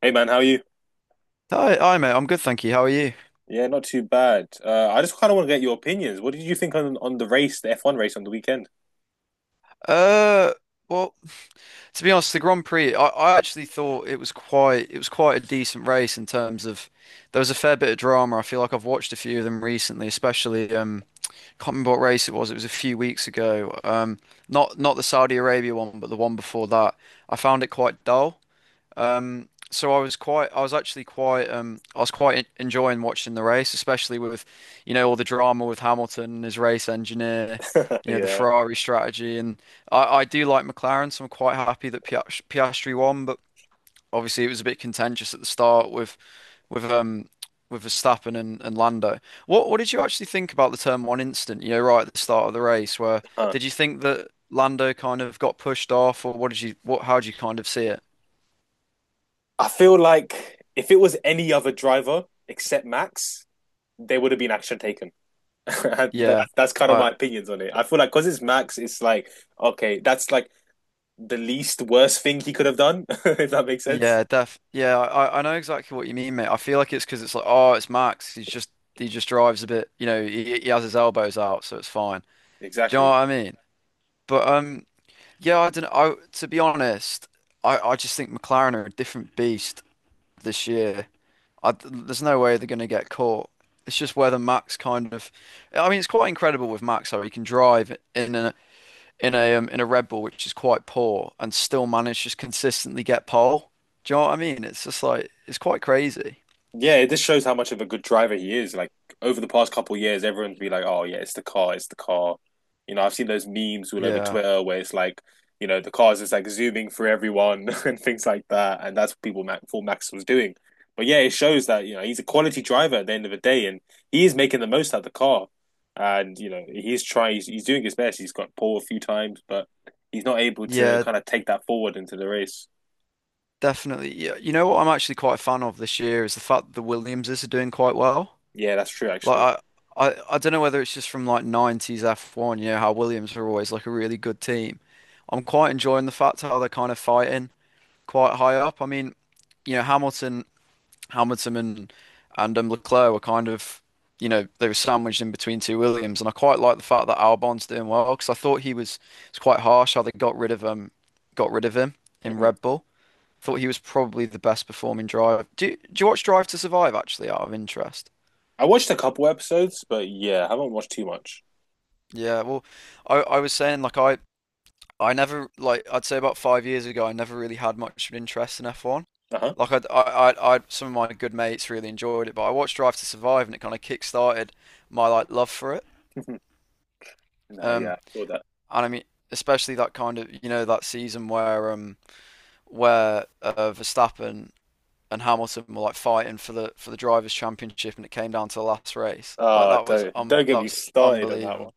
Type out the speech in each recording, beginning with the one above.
Hey man, how are you? Hi, hi, mate. I'm good, thank you. How are you? Yeah, not too bad. I just kind of want to get your opinions. What did you think on the race, the F1 race on the weekend? Uh, well, to be honest, the Grand Prix, I actually thought it was quite a decent race in terms of there was a fair bit of drama. I feel like I've watched a few of them recently, especially can't remember what race it was. It was a few weeks ago. Not the Saudi Arabia one, but the one before that. I found it quite dull. So I was quite, I was actually quite, I was quite enjoying watching the race, especially with, you know, all the drama with Hamilton and his race engineer, you know, the Yeah. Ferrari strategy, and I do like McLaren, so I'm quite happy that Piastri won, but obviously it was a bit contentious at the start with with um with Verstappen and, Lando. What did you actually think about the turn one incident? You know, right at the start of the race, where Huh. did you think that Lando kind of got pushed off, or what did you, what, how did you kind of see it? I feel like if it was any other driver except Max, there would have been action taken. That, Yeah. that's kind of my I, opinions on it. I feel like because it's Max, it's like, okay, that's like the least worst thing he could have done, if that makes sense. Yeah, def yeah, I know exactly what you mean, mate. I feel like it's because it's like, oh, it's Max. He just drives a bit, you know, he has his elbows out, so it's fine. Do you know Exactly. what I mean? But yeah, I don't. I to be honest, I just think McLaren are a different beast this year. There's no way they're gonna get caught. It's just whether Max I mean, it's quite incredible with Max how he can drive in a Red Bull, which is quite poor, and still manage to just consistently get pole. Do you know what I mean? It's just like it's quite crazy. Yeah, it just shows how much of a good driver he is. Like over the past couple of years, everyone's been like, "Oh yeah, it's the car, it's the car." I've seen those memes all over Yeah, Twitter where it's like, the car's just like zooming through everyone and things like that, and that's what people Max, thought Max was doing. But yeah, it shows that he's a quality driver at the end of the day, and he is making the most out of the car. And he's trying, he's doing his best. He's got pole a few times, but he's not able to yeah, kind of take that forward into the race. definitely. Yeah, you know what I'm actually quite a fan of this year is the fact that the Williamses are doing quite well. Yeah, that's true actually. Like I, I don't know whether it's just from like 90s F1, you know how Williams were always like a really good team. I'm quite enjoying the fact how they're kind of fighting quite high up. I mean, you know, Hamilton and Leclerc were kind of, you know, they were sandwiched in between two Williams, and I quite like the fact that Albon's doing well because I thought he was it's quite harsh how they got rid of him in Red Bull. Thought he was probably the best performing driver. Do you watch Drive to Survive actually out of interest? I watched a couple episodes, but yeah, I haven't watched too much. Yeah, well, I was saying like I never like I'd say about 5 years ago I never really had much of an interest in F1. Uh Like I'd, some of my good mates really enjoyed it, but I watched Drive to Survive and it kind of kick-started my like love for it. huh. No, yeah, Um, I saw that. and I mean, especially that kind of you know that season where Verstappen and Hamilton were like fighting for the drivers' championship and it came down to the last race. Like Ah, don't don't get that me was started on that one. unbelievable.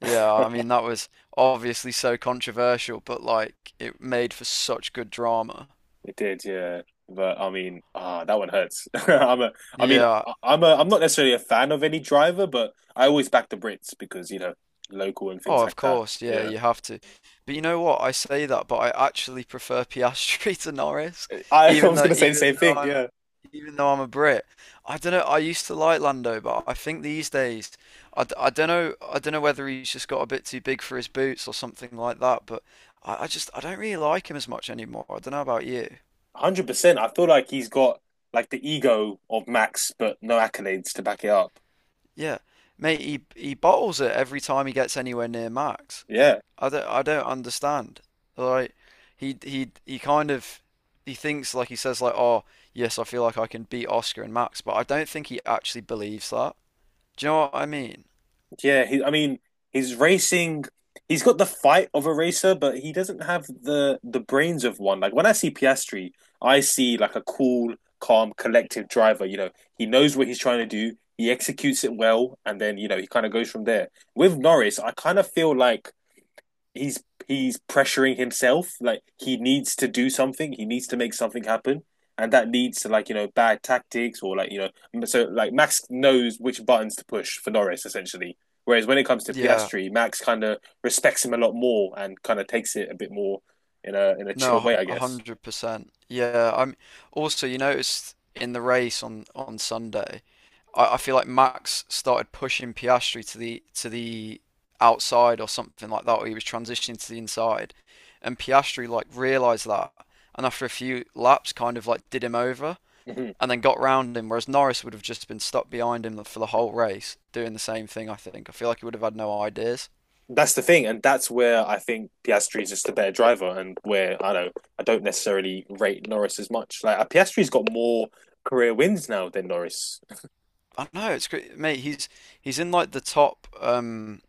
Yeah, I mean that was obviously so controversial, but like it made for such good drama. It did, yeah. But I mean, ah, that one hurts. I mean, Yeah. I'm not necessarily a fan of any driver, but I always back the Brits because local and Oh, things of like that. course. Yeah, Yeah, you have to. But you know what? I say that, but I actually prefer Piastri to Norris, I, I even was though gonna say the same even though thing. I'm Yeah, even though I'm a Brit. I don't know. I used to like Lando, but I think these days I don't know whether he's just got a bit too big for his boots or something like that, but I just I don't really like him as much anymore. I don't know about you. 100%. I feel like he's got like the ego of Max, but no accolades to back it up. Yeah, mate, he bottles it every time he gets anywhere near max. Yeah. I don't understand. Like he kind of he thinks like he says like oh yes I feel like I can beat Oscar and Max, but I don't think he actually believes that. Do you know what I mean? Yeah, he, I mean, he's racing. He's got the fight of a racer, but he doesn't have the brains of one. Like when I see Piastri, I see like a cool, calm, collective driver. He knows what he's trying to do. He executes it well, and then he kind of goes from there. With Norris, I kind of feel like he's pressuring himself. Like he needs to do something. He needs to make something happen, and that leads to like bad tactics or like so like Max knows which buttons to push for Norris essentially. Whereas when it comes to Yeah, Piastri, Max kind of respects him a lot more and kind of takes it a bit more in a chill no, way, I a guess. hundred percent. Yeah, I'm also you noticed in the race on Sunday, I feel like Max started pushing Piastri to the outside or something like that, or he was transitioning to the inside, and Piastri like realised that, and after a few laps, kind of like did him over Mm-hmm. and then got round him, whereas Norris would have just been stuck behind him for the whole race doing the same thing. I feel like he would have had no ideas. That's the thing, and that's where I think Piastri is just a better driver, and where I don't necessarily rate Norris as much. Like Piastri's got more career wins now than Norris. I don't know it's great, mate. He's in like the top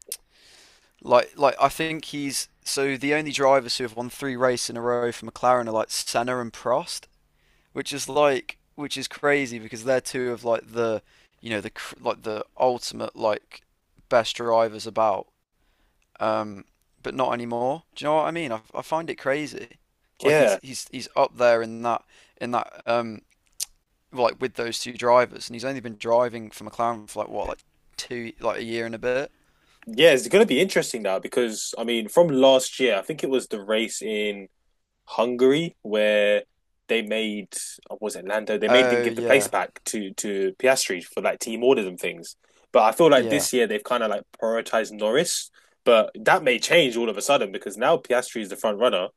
like I think he's so the only drivers who have won three races in a row for McLaren are like Senna and Prost, which is which is crazy because they're two of like the, you know, the like the ultimate like best drivers about. Um, but not anymore. Do you know what I mean? I find it crazy. Like Yeah, he's up there in that in that um like with those two drivers, and he's only been driving for McLaren for like what like two like a year and a bit. Yeah, it's going to be interesting now because I mean, from last year, I think it was the race in Hungary where they made what was it Lando? They made them Oh give the place yeah, back to Piastri for like team orders and things. But I feel like yeah, this year they've kind of like prioritized Norris, but that may change all of a sudden because now Piastri is the front runner.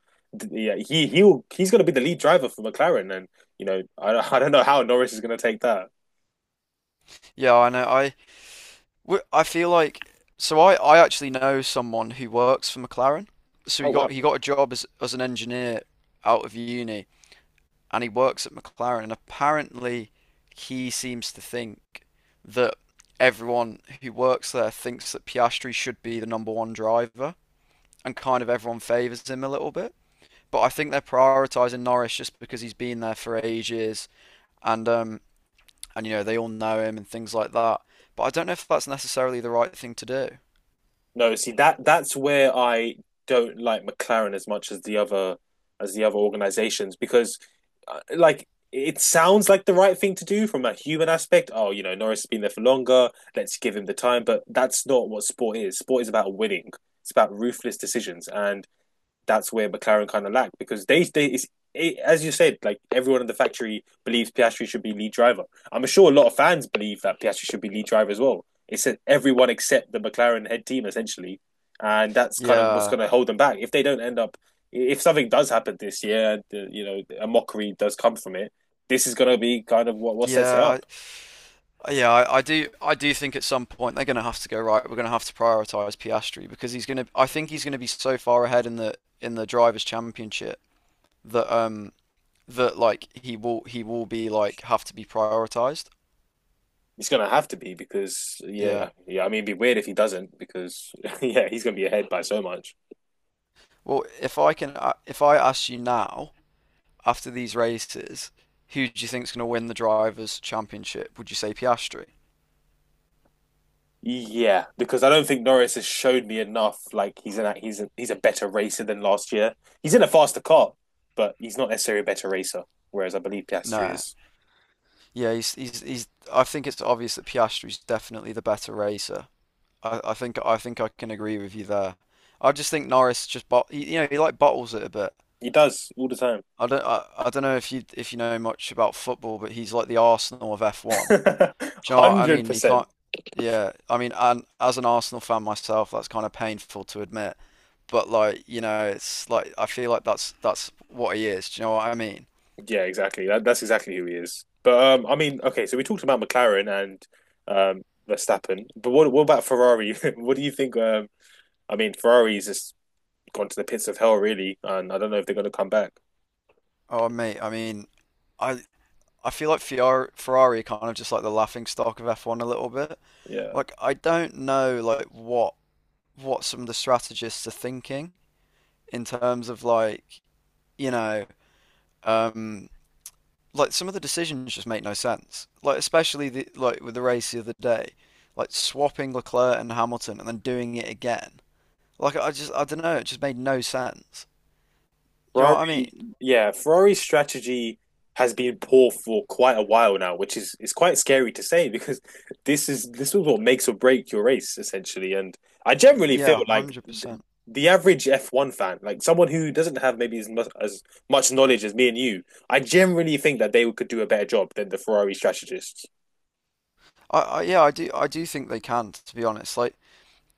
Yeah, he's going to be the lead driver for McLaren, and I I don't know how Norris is going to take that. yeah. I know. I I feel like so I actually know someone who works for McLaren. So Oh wow. he got a job as an engineer out of uni and he works at McLaren and apparently he seems to think that everyone who works there thinks that Piastri should be the number one driver and kind of everyone favours him a little bit. But I think they're prioritising Norris just because he's been there for ages and um and you know they all know him and things like that. But I don't know if that's necessarily the right thing to do. No, see that's where I don't like McLaren as much as the other organizations because like it sounds like the right thing to do from a human aspect. Oh, you know, Norris has been there for longer. Let's give him the time. But that's not what sport is. Sport is about winning. It's about ruthless decisions. And that's where McLaren kind of lacked because they it's, it, as you said, like everyone in the factory believes Piastri should be lead driver. I'm sure a lot of fans believe that Piastri should be lead driver as well. It's everyone except the McLaren head team essentially, and that's kind of what's Yeah, going to hold them back. If they don't end up, if something does happen this year, the, you know, a mockery does come from it. This is going to be kind of what sets it yeah, up. yeah. I do think at some point they're going to have to go right. We're going to have to prioritize Piastri because he's going to. I think he's going to be so far ahead in the Drivers' Championship that um that like he will be like have to be prioritized. It's going to have to be because Yeah. yeah, yeah. I mean, it'd be weird if he doesn't because yeah, he's going to be ahead by so much. Well, if I can, if I ask you now after these races, who do you think's going to win the Drivers' Championship? Would you say Piastri? Yeah, because I don't think Norris has showed me enough. Like he's a better racer than last year. He's in a faster car, but he's not necessarily a better racer. Whereas I believe Piastri No. is. Yeah, he's. I think it's obvious that Piastri's definitely the better racer. I think I can agree with you there. I just think Norris just bot you know he like bottles it a bit. He does all the time, I don't know if you know much about football, but he's like the Arsenal of F1. Do you know what I hundred mean? He percent. can't. Yeah, I mean, and as an Arsenal fan myself, that's kind of painful to admit. But like you know, it's like I feel like that's what he is. Do you know what I mean? Yeah, exactly. That's exactly who he is. But I mean, okay. So we talked about McLaren and um, Verstappen, but what about Ferrari? What do you think? I mean, Ferrari's just gone to the pits of hell, really, and I don't know if they're going to come back. Oh mate, I mean, I I feel like Ferrari are kind of just like the laughing stock of F1 a little bit. Yeah. Like I don't know like what some of the strategists are thinking in terms of like, you know, um, like some of the decisions just make no sense. Like especially the like with the race the other day, like swapping Leclerc and Hamilton and then doing it again. Like I just I don't know, it just made no sense. Do you know what I mean? Ferrari, yeah, Ferrari's strategy has been poor for quite a while now, which is quite scary to say because this is what makes or break your race essentially. And I generally Yeah, feel like 100%. the average F1 fan, like someone who doesn't have maybe as much knowledge as me and you, I generally think that they could do a better job than the Ferrari strategists. I do think they can, to be honest. Like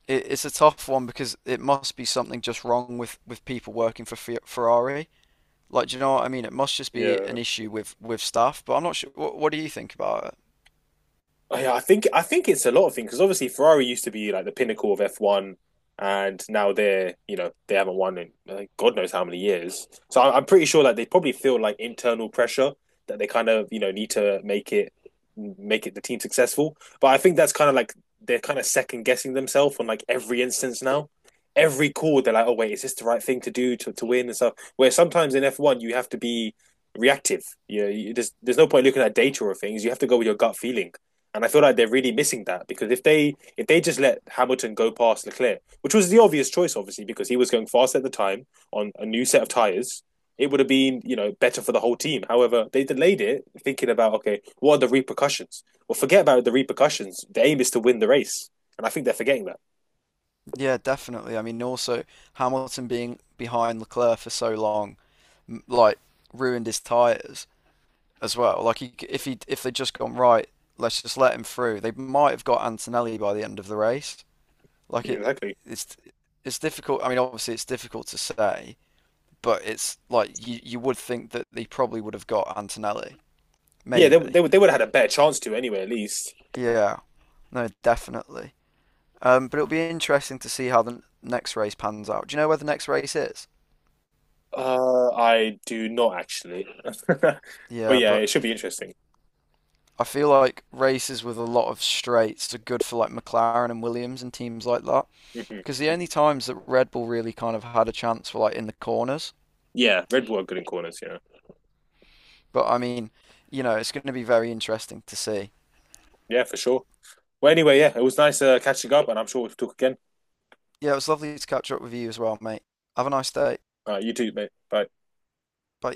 it's a tough one because it must be something just wrong with people working for Fe Ferrari. Like, do you know what I mean? It must just be Yeah. an issue with staff, but I'm not sure. What do you think about it? Oh, yeah, I think it's a lot of things because obviously Ferrari used to be like the pinnacle of F1, and now they're they haven't won in God knows how many years. So I'm pretty sure that they probably feel like internal pressure that they kind of need to make it the team successful. But I think that's kind of like they're kind of second guessing themselves on like every instance now. Every call they're like, oh wait, is this the right thing to do to win and stuff? Where sometimes in F1 you have to be reactive. There's no point looking at data or things. You have to go with your gut feeling, and I feel like they're really missing that because if they just let Hamilton go past Leclerc, which was the obvious choice, obviously, because he was going fast at the time on a new set of tires, it would have been better for the whole team. However, they delayed it, thinking about okay, what are the repercussions? Well, forget about the repercussions. The aim is to win the race, and I think they're forgetting that. Yeah, definitely. I mean, also Hamilton being behind Leclerc for so long, like ruined his tires as well. Like, if he if they'd just gone right, let's just let him through. They might have got Antonelli by the end of the race. Like, Yeah, exactly. it's it's difficult. I mean, obviously it's difficult to say, but it's like you would think that they probably would have got Antonelli, Yeah, maybe. They would have had a better chance to anyway, at least. Yeah, no, definitely. But it'll be interesting to see how the next race pans out. Do you know where the next race is? I do not actually, but Yeah, yeah, but it should be interesting. I feel like races with a lot of straights are good for like McLaren and Williams and teams like that. Hmm. Because the only times that Red Bull really kind of had a chance were like in the corners. Yeah, Red Bull are good in corners. Yeah, But I mean, you know, it's going to be very interesting to see. yeah, for sure. Well, anyway, yeah, it was nice catching up, and I'm sure we'll talk again. Yeah, it was lovely to catch up with you as well, mate. Have a nice day. You too, mate. Bye. Bye.